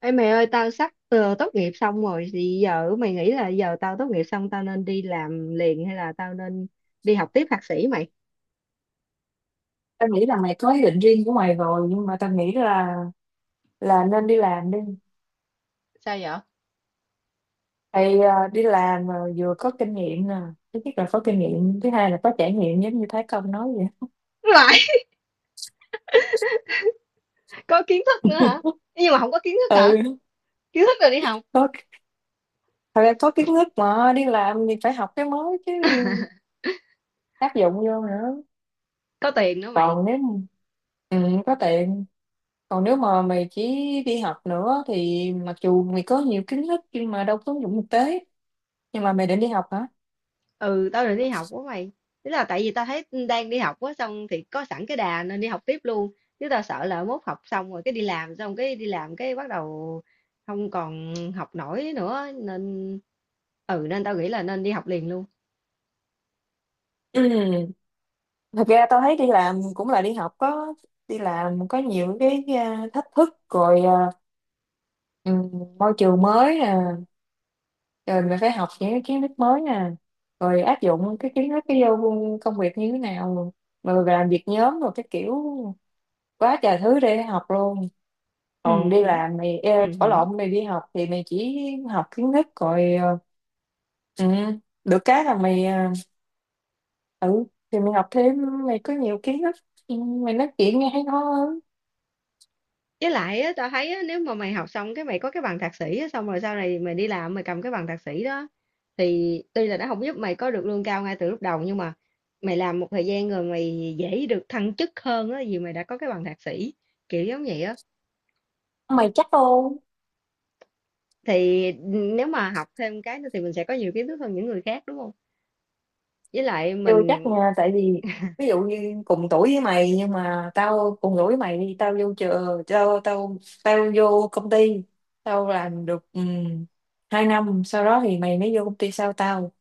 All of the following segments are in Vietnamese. Ê mày ơi tao sắp tốt nghiệp xong rồi thì giờ mày nghĩ là giờ tao tốt nghiệp xong tao nên đi làm liền hay là tao nên đi học tiếp thạc sĩ mày? Tao nghĩ là mày có ý định riêng của mày rồi, nhưng mà tao nghĩ là nên đi làm đi. Sao vậy? Thì đi làm mà vừa có kinh nghiệm nè. Thứ nhất là có kinh nghiệm, thứ hai là có trải nghiệm giống như Thái Công nói vậy. Lại. Có kiến thức nữa hả? Nhưng mà không có kiến thức hả? Ừ. Kiến thức rồi đi học. Có. Thật ra có kiến thức mà đi làm thì phải học cái mới chứ, áp dụng vô nữa. Có tiền nữa mày. Còn nếu mà- ừ, có tiền. Còn nếu mà mày chỉ đi học nữa thì mặc dù mày có nhiều kiến thức nhưng mà đâu có ứng dụng thực tế. Nhưng mà mày định đi học hả? Ừ, tao định đi học quá mày. Tức là tại vì tao thấy đang đi học quá xong thì có sẵn cái đà nên đi học tiếp luôn, chứ tao sợ là mốt học xong rồi cái đi làm xong cái đi làm cái bắt đầu không còn học nổi nữa nên ừ, nên tao nghĩ là nên đi học liền luôn. Ừ. Thật ra tao thấy đi làm cũng là đi học. Có đi làm có nhiều cái, à, thách thức rồi, à, ừm, môi trường mới nè, rồi mình phải học những cái kiến thức mới nè, rồi áp dụng cái kiến thức cái vô công việc như thế nào, rồi làm việc nhóm rồi cái kiểu, quá trời thứ để học luôn. Còn đi Ừ. làm mày, ê, ở hứm. lộn, mày đi học thì mày chỉ học kiến thức rồi ừ, được cái là mày ừ, thì mày học thêm mày có nhiều kiến thức. Ừ, mày nói chuyện nghe hay ho hơn. Với lại á, tao thấy á, nếu mà mày học xong cái mày có cái bằng thạc sĩ á, xong rồi sau này mày đi làm mày cầm cái bằng thạc sĩ đó, thì tuy là nó không giúp mày có được lương cao ngay từ lúc đầu nhưng mà mày làm một thời gian rồi mày dễ được thăng chức hơn á, vì mày đã có cái bằng thạc sĩ, kiểu giống vậy á. Mày chắc không? Thì, nếu mà học thêm cái nữa thì mình sẽ có nhiều kiến thức hơn những người khác, đúng không? Với lại Chưa chắc mình nha, tại vì ví dụ như cùng tuổi với mày, nhưng mà tao cùng tuổi với mày đi, tao vô trường, tao tao tao vô công ty, tao làm được 2 năm, sau đó thì mày mới vô công ty sau tao.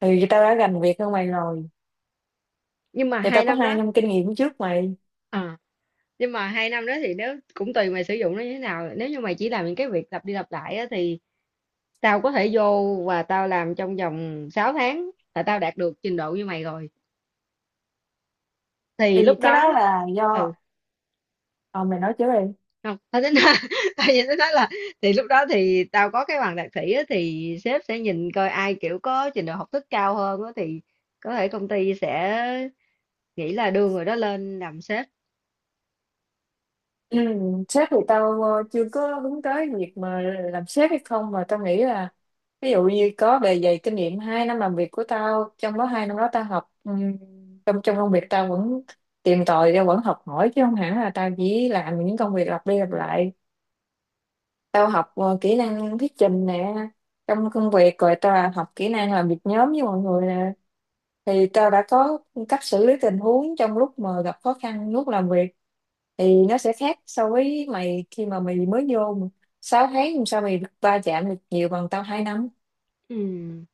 Thì tao đã gành việc hơn mày rồi. nhưng mà Thì tao 2 có năm 2 đó. năm kinh nghiệm trước mày. ờ, nhưng mà hai năm đó thì nếu cũng tùy mày sử dụng nó như thế nào, nếu như mày chỉ làm những cái việc lặp đi lặp lại á thì tao có thể vô và tao làm trong vòng 6 tháng là tao đạt được trình độ như mày rồi, thì Thì lúc cái đó đó là ừ do ờ mày nói trước đi. không tao tính nói, tao chỉ tính nói là thì lúc đó thì tao có cái bằng thạc sĩ á, thì sếp sẽ nhìn coi ai kiểu có trình độ học thức cao hơn á, thì có thể công ty sẽ nghĩ là đưa người đó lên làm sếp. Ừ, sếp thì tao chưa có hướng tới việc mà làm sếp hay không, mà tao nghĩ là ví dụ như có bề dày kinh nghiệm 2 năm làm việc của tao, trong đó 2 năm đó tao học, trong trong công việc tao vẫn tìm tòi, tao vẫn học hỏi chứ không hẳn là tao chỉ làm những công việc lặp đi lặp lại. Tao học kỹ năng thuyết trình nè, trong công việc, rồi tao là học kỹ năng làm việc nhóm với mọi người nè. Thì tao đã có cách xử lý tình huống trong lúc mà gặp khó khăn lúc làm việc, thì nó sẽ khác so với mày khi mà mày mới vô mà. 6 tháng làm sao mày va chạm được nhiều bằng tao 2 năm. Ừ.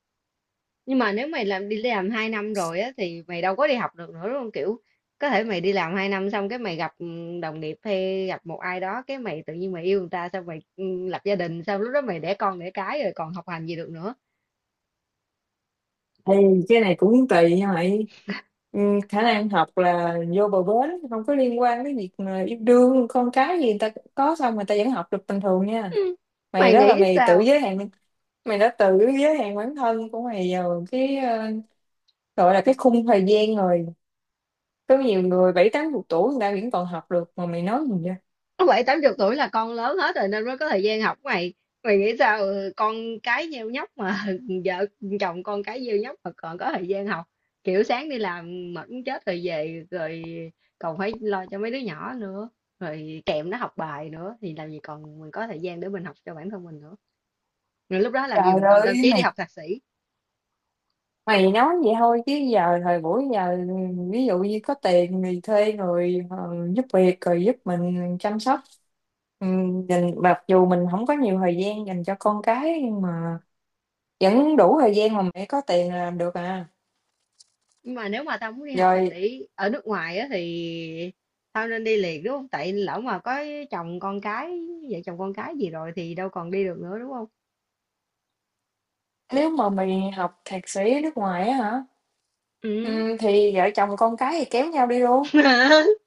Nhưng mà nếu mày làm đi làm 2 năm rồi á thì mày đâu có đi học được nữa đúng không, kiểu có thể mày đi làm 2 năm xong cái mày gặp đồng nghiệp hay gặp một ai đó cái mày tự nhiên mày yêu người ta xong mày lập gia đình xong lúc đó mày đẻ con đẻ cái rồi còn học hành gì được nữa. Thì cái này cũng tùy nha mày. Ừ, khả năng học là vô bờ bến, không có liên quan đến việc mà yêu đương con cái gì, người ta có xong người ta vẫn học được bình thường nha. Ừ, Mày mày đó là nghĩ mày tự sao? giới hạn. Mày đã tự giới hạn bản thân của mày vào cái gọi là cái khung thời gian rồi. Có nhiều người bảy tám chục tuổi người ta vẫn còn học được mà, mày nói gì vậy? Bảy tám chục tuổi là con lớn hết rồi nên mới có thời gian học mày. Mày nghĩ sao ừ, con cái nheo nhóc mà vợ chồng con cái nheo nhóc mà còn có thời gian học, kiểu sáng đi làm mệt muốn chết rồi về rồi còn phải lo cho mấy đứa nhỏ nữa, rồi kèm nó học bài nữa thì làm gì còn mình có thời gian để mình học cho bản thân mình nữa, rồi lúc đó làm gì Trời mình còn tâm ơi trí đi mày. học thạc sĩ. Mày nói vậy thôi chứ giờ thời buổi giờ, ví dụ như có tiền thì thuê người giúp việc rồi giúp mình chăm sóc. Ừ, mặc dù mình không có nhiều thời gian dành cho con cái nhưng mà vẫn đủ thời gian, mà mày có tiền là làm được à. Nhưng mà nếu mà tao muốn đi học thạc Rồi. sĩ ở nước ngoài á thì tao nên đi liền đúng không, tại lỡ mà có chồng con cái vợ chồng con cái gì rồi thì đâu còn đi được nữa đúng không? Nếu mà mày học thạc sĩ ở nước ngoài á hả, Ừ. Thì vợ chồng con cái thì kéo nhau đi luôn.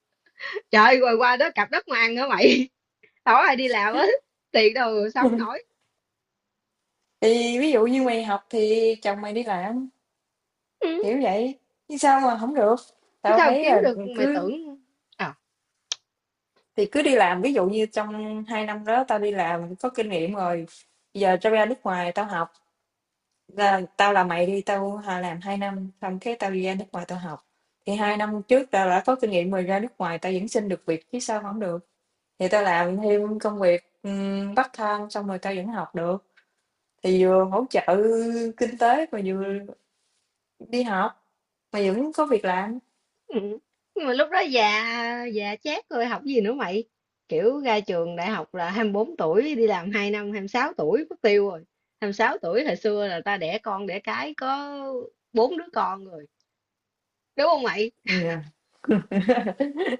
Trời rồi qua đó cặp đất mà ăn nữa mày, đâu ai đi làm á, tiền đâu mà sống nổi. Thì ví dụ như mày học thì chồng mày đi làm, Ừ. kiểu vậy. Chứ sao mà không được? Tao Sao thấy kiếm là được mày cứ tưởng. ờ thì cứ đi làm, ví dụ như trong 2 năm đó tao đi làm có kinh nghiệm rồi. Giờ tao ra nước ngoài tao học, là tao, là mày đi, tao làm 2 năm xong cái tao đi ra nước ngoài tao học. Thì 2 năm trước tao đã có kinh nghiệm rồi, ra nước ngoài tao vẫn xin được việc chứ sao mà không được. Thì tao làm thêm công việc part time xong rồi tao vẫn học được. Thì vừa hỗ trợ kinh tế mà vừa đi học mà vẫn có việc làm. Ừ. Nhưng mà lúc đó già già chát rồi học gì nữa mày, kiểu ra trường đại học là 24 tuổi đi làm 2 năm 26 tuổi mất tiêu rồi, 26 tuổi hồi xưa là ta đẻ con đẻ cái có bốn đứa con rồi, đúng không mày? Yeah.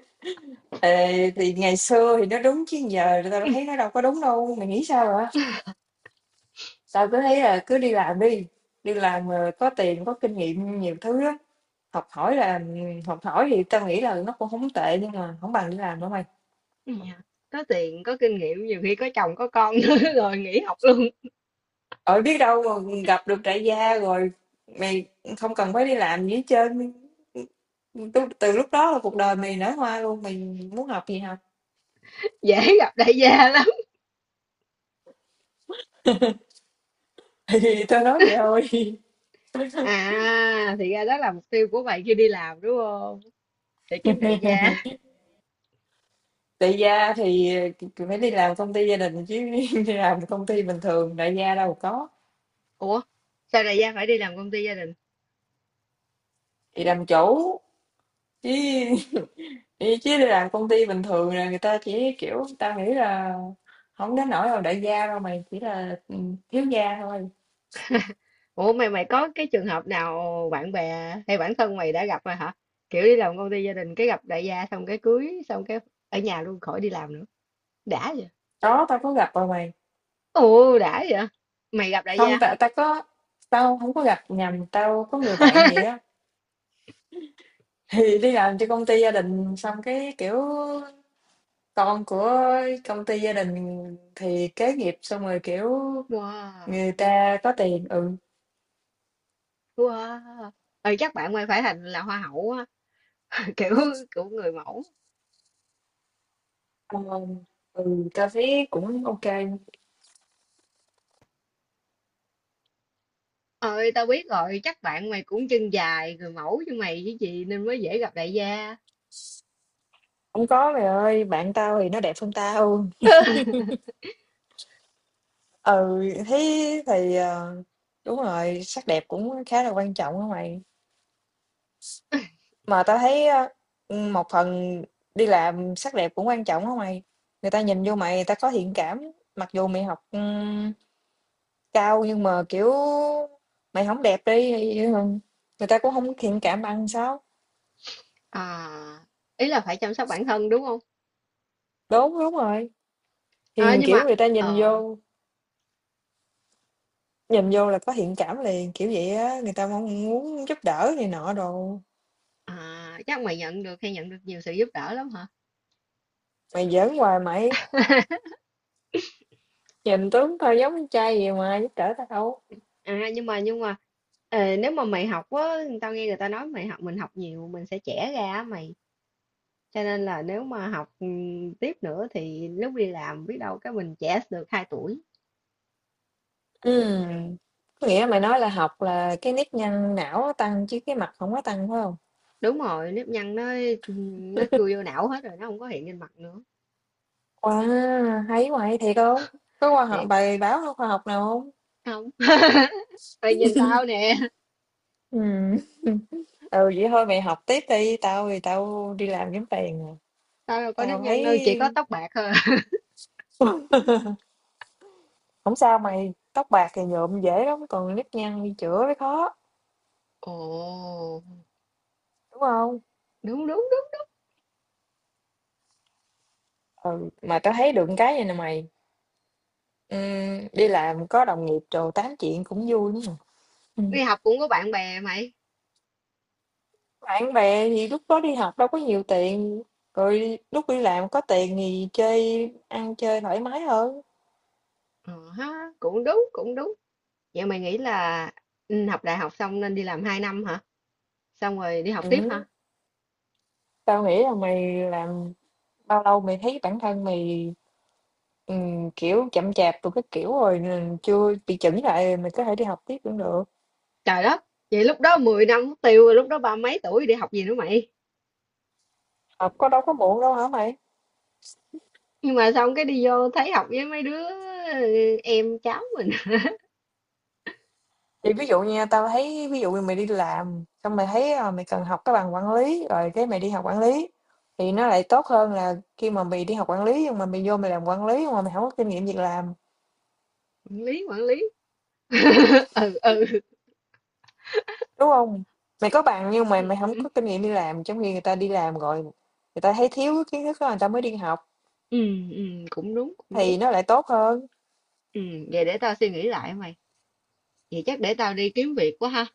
Ê, thì ngày xưa thì nó đúng chứ giờ tao thấy nó đâu có đúng đâu, mày nghĩ sao hả? Tao cứ thấy là cứ đi làm đi, đi làm mà có tiền có kinh nghiệm nhiều thứ lắm. Học hỏi là học hỏi thì tao nghĩ là nó cũng không tệ nhưng mà không bằng đi làm đâu mày. Dạ. Có tiền có kinh nghiệm nhiều khi có chồng có con nữa rồi nghỉ học luôn. Ở, biết đâu mà gặp được đại gia rồi mày không cần phải đi làm gì hết trơn. Từ lúc đó là cuộc đời mày nở hoa luôn, mày muốn học gì học. Dễ gặp đại gia lắm. Thì tao nói vậy thôi. À thì ra đó là mục tiêu của mày khi đi làm đúng không, để kiếm đại gia. Đại gia thì phải đi làm công ty gia đình chứ, đi làm công ty bình thường đại gia đâu có. Ủa, sao đại gia phải đi làm công ty gia đình? Thì làm chủ chứ chứ đi làm công ty bình thường là người ta chỉ kiểu, tao nghĩ là không đến nỗi là đại gia đâu mày, chỉ là thiếu gia thôi. Ủa mày mày có cái trường hợp nào bạn bè hay bản thân mày đã gặp rồi hả? Kiểu đi làm công ty gia đình cái gặp đại gia xong cái cưới xong cái ở nhà luôn khỏi đi làm nữa. Đã vậy. Có, tao có gặp rồi mày. Ồ đã vậy. Mày gặp đại gia Hông, hả? tại tao không có gặp nhầm, tao có người bạn vậy á, thì đi làm cho công ty gia đình xong cái, kiểu, con của công ty gia đình thì kế nghiệp, xong rồi, kiểu, Wow. người ta có tiền, ừ, Wow. Ừ, chắc bạn mày phải thành là hoa hậu á, kiểu kiểu người mẫu. ờ, ừ, tao thấy cũng ok không? Ơi tao biết rồi, chắc bạn mày cũng chân dài người mẫu như mày chứ gì nên mới dễ gặp đại gia. Có mày ơi, bạn tao thì nó đẹp hơn tao. Ừ, thấy thì, đúng rồi, sắc đẹp cũng khá là quan trọng á mày. Mà tao thấy á, một phần đi làm sắc đẹp cũng quan trọng đó mày. Người ta nhìn vô mày, người ta có thiện cảm. Mặc dù mày học, cao nhưng mà, kiểu, mày không đẹp đi thì, người ta cũng hông thiện cảm bằng sao? À, ý là phải chăm sóc bản thân đúng không? Đúng, đúng rồi, thì, À, nhưng kiểu, mà người ta nhìn ờ vô, là có thiện cảm liền, kiểu vậy á, người ta mong muốn giúp đỡ này nọ đồ. À, chắc mày nhận được hay nhận được nhiều sự giúp đỡ lắm hả? Mày giỡn hoài mày, nhìn tướng tao giống con trai gì mà giúp đỡ tao. À, nhưng mà nếu mà mày học á, tao nghe người ta nói mày học mình học nhiều mình sẽ trẻ ra á mày. Cho nên là nếu mà học tiếp nữa thì lúc đi làm biết đâu cái mình trẻ được 2 tuổi. Ừm, có nghĩa mày nói là học là cái nếp nhăn não nó tăng chứ cái mặt không có tăng, phải không? Đúng rồi, nếp nhăn nó chui vô não hết rồi, nó không có hiện lên mặt nữa. Wow, hay quá, hay thiệt hông? Có khoa học, Thiệt bài báo khoa học nào hông? không? Mày nhìn tao nè, Ừm, vậy thôi mày học tiếp đi, tao thì tao đi làm kiếm tiền rồi. tao đâu có nếp Tao thấy nhăn đâu, chỉ có tóc bạc thôi. không sao mày, tóc bạc thì nhuộm dễ lắm, còn nếp nhăn đi chữa mới khó, Ồ, đúng hông? đúng đúng đúng. Ừ, mà tao thấy được cái vầy nè mày, đi làm có đồng nghiệp đồ tám chuyện cũng vui lắm à. Đi học cũng có bạn bè mày. Bạn bè thì lúc đó đi học đâu có nhiều tiền, rồi lúc đi làm có tiền thì chơi ăn chơi thoải mái hơn. Ờ ha, cũng đúng cũng đúng. Vậy mày nghĩ là học đại học xong nên đi làm 2 năm hả? Xong rồi đi học tiếp Ừ. hả? Tao nghĩ là mày làm bao lâu mày thấy bản thân mày ừ, kiểu chậm chạp rồi cái kiểu rồi nên chưa bị chỉnh lại rồi mày có thể đi học tiếp cũng được. Trời đất, vậy lúc đó 10 năm mất tiêu rồi, lúc đó ba mấy tuổi đi học gì nữa mày? Học có đâu có muộn đâu hả mày. Nhưng mà xong cái đi vô thấy học với mấy đứa em cháu mình, Thì ví dụ nha, tao thấy ví dụ như mày đi làm xong mày thấy, à, mày cần học cái bằng quản lý rồi cái mày đi học quản lý, thì nó lại tốt hơn là khi mà mày đi học quản lý nhưng mà mày vô mày làm quản lý nhưng mà mày không có kinh nghiệm việc làm. quản lý, quản lý. Ừ, ừ. Đúng hông? Mày có bằng nhưng mà mày hổng Ừ, có kinh nghiệm đi làm, trong khi người ta đi làm rồi, người ta thấy thiếu cái kiến thức đó người ta mới đi học, ừ, ừ, cũng đúng, cũng đúng. thì nó lại tốt hơn. Ừ, vậy để tao suy nghĩ lại mày. Vậy chắc để tao đi kiếm việc quá ha.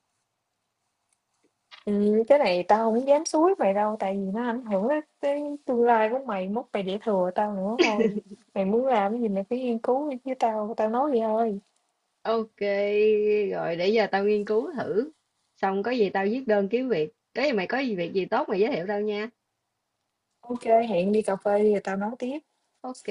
Cái này tao hổng dám xúi mày đâu, tại vì nó ảnh hưởng đến tới tương lai của mày, mốt mày để thừa tao nữa thôi. Mày muốn làm cái gì mày phải nghiên cứu đi chứ, tao tao nói vậy thôi. Ok, rồi để giờ tao nghiên cứu thử. Xong có gì tao viết đơn kiếm việc. Cái gì mày có gì việc gì tốt mày giới thiệu tao nha. Ô kê, hẹn đi cà phê đi rồi tao nói tiếp. Ok,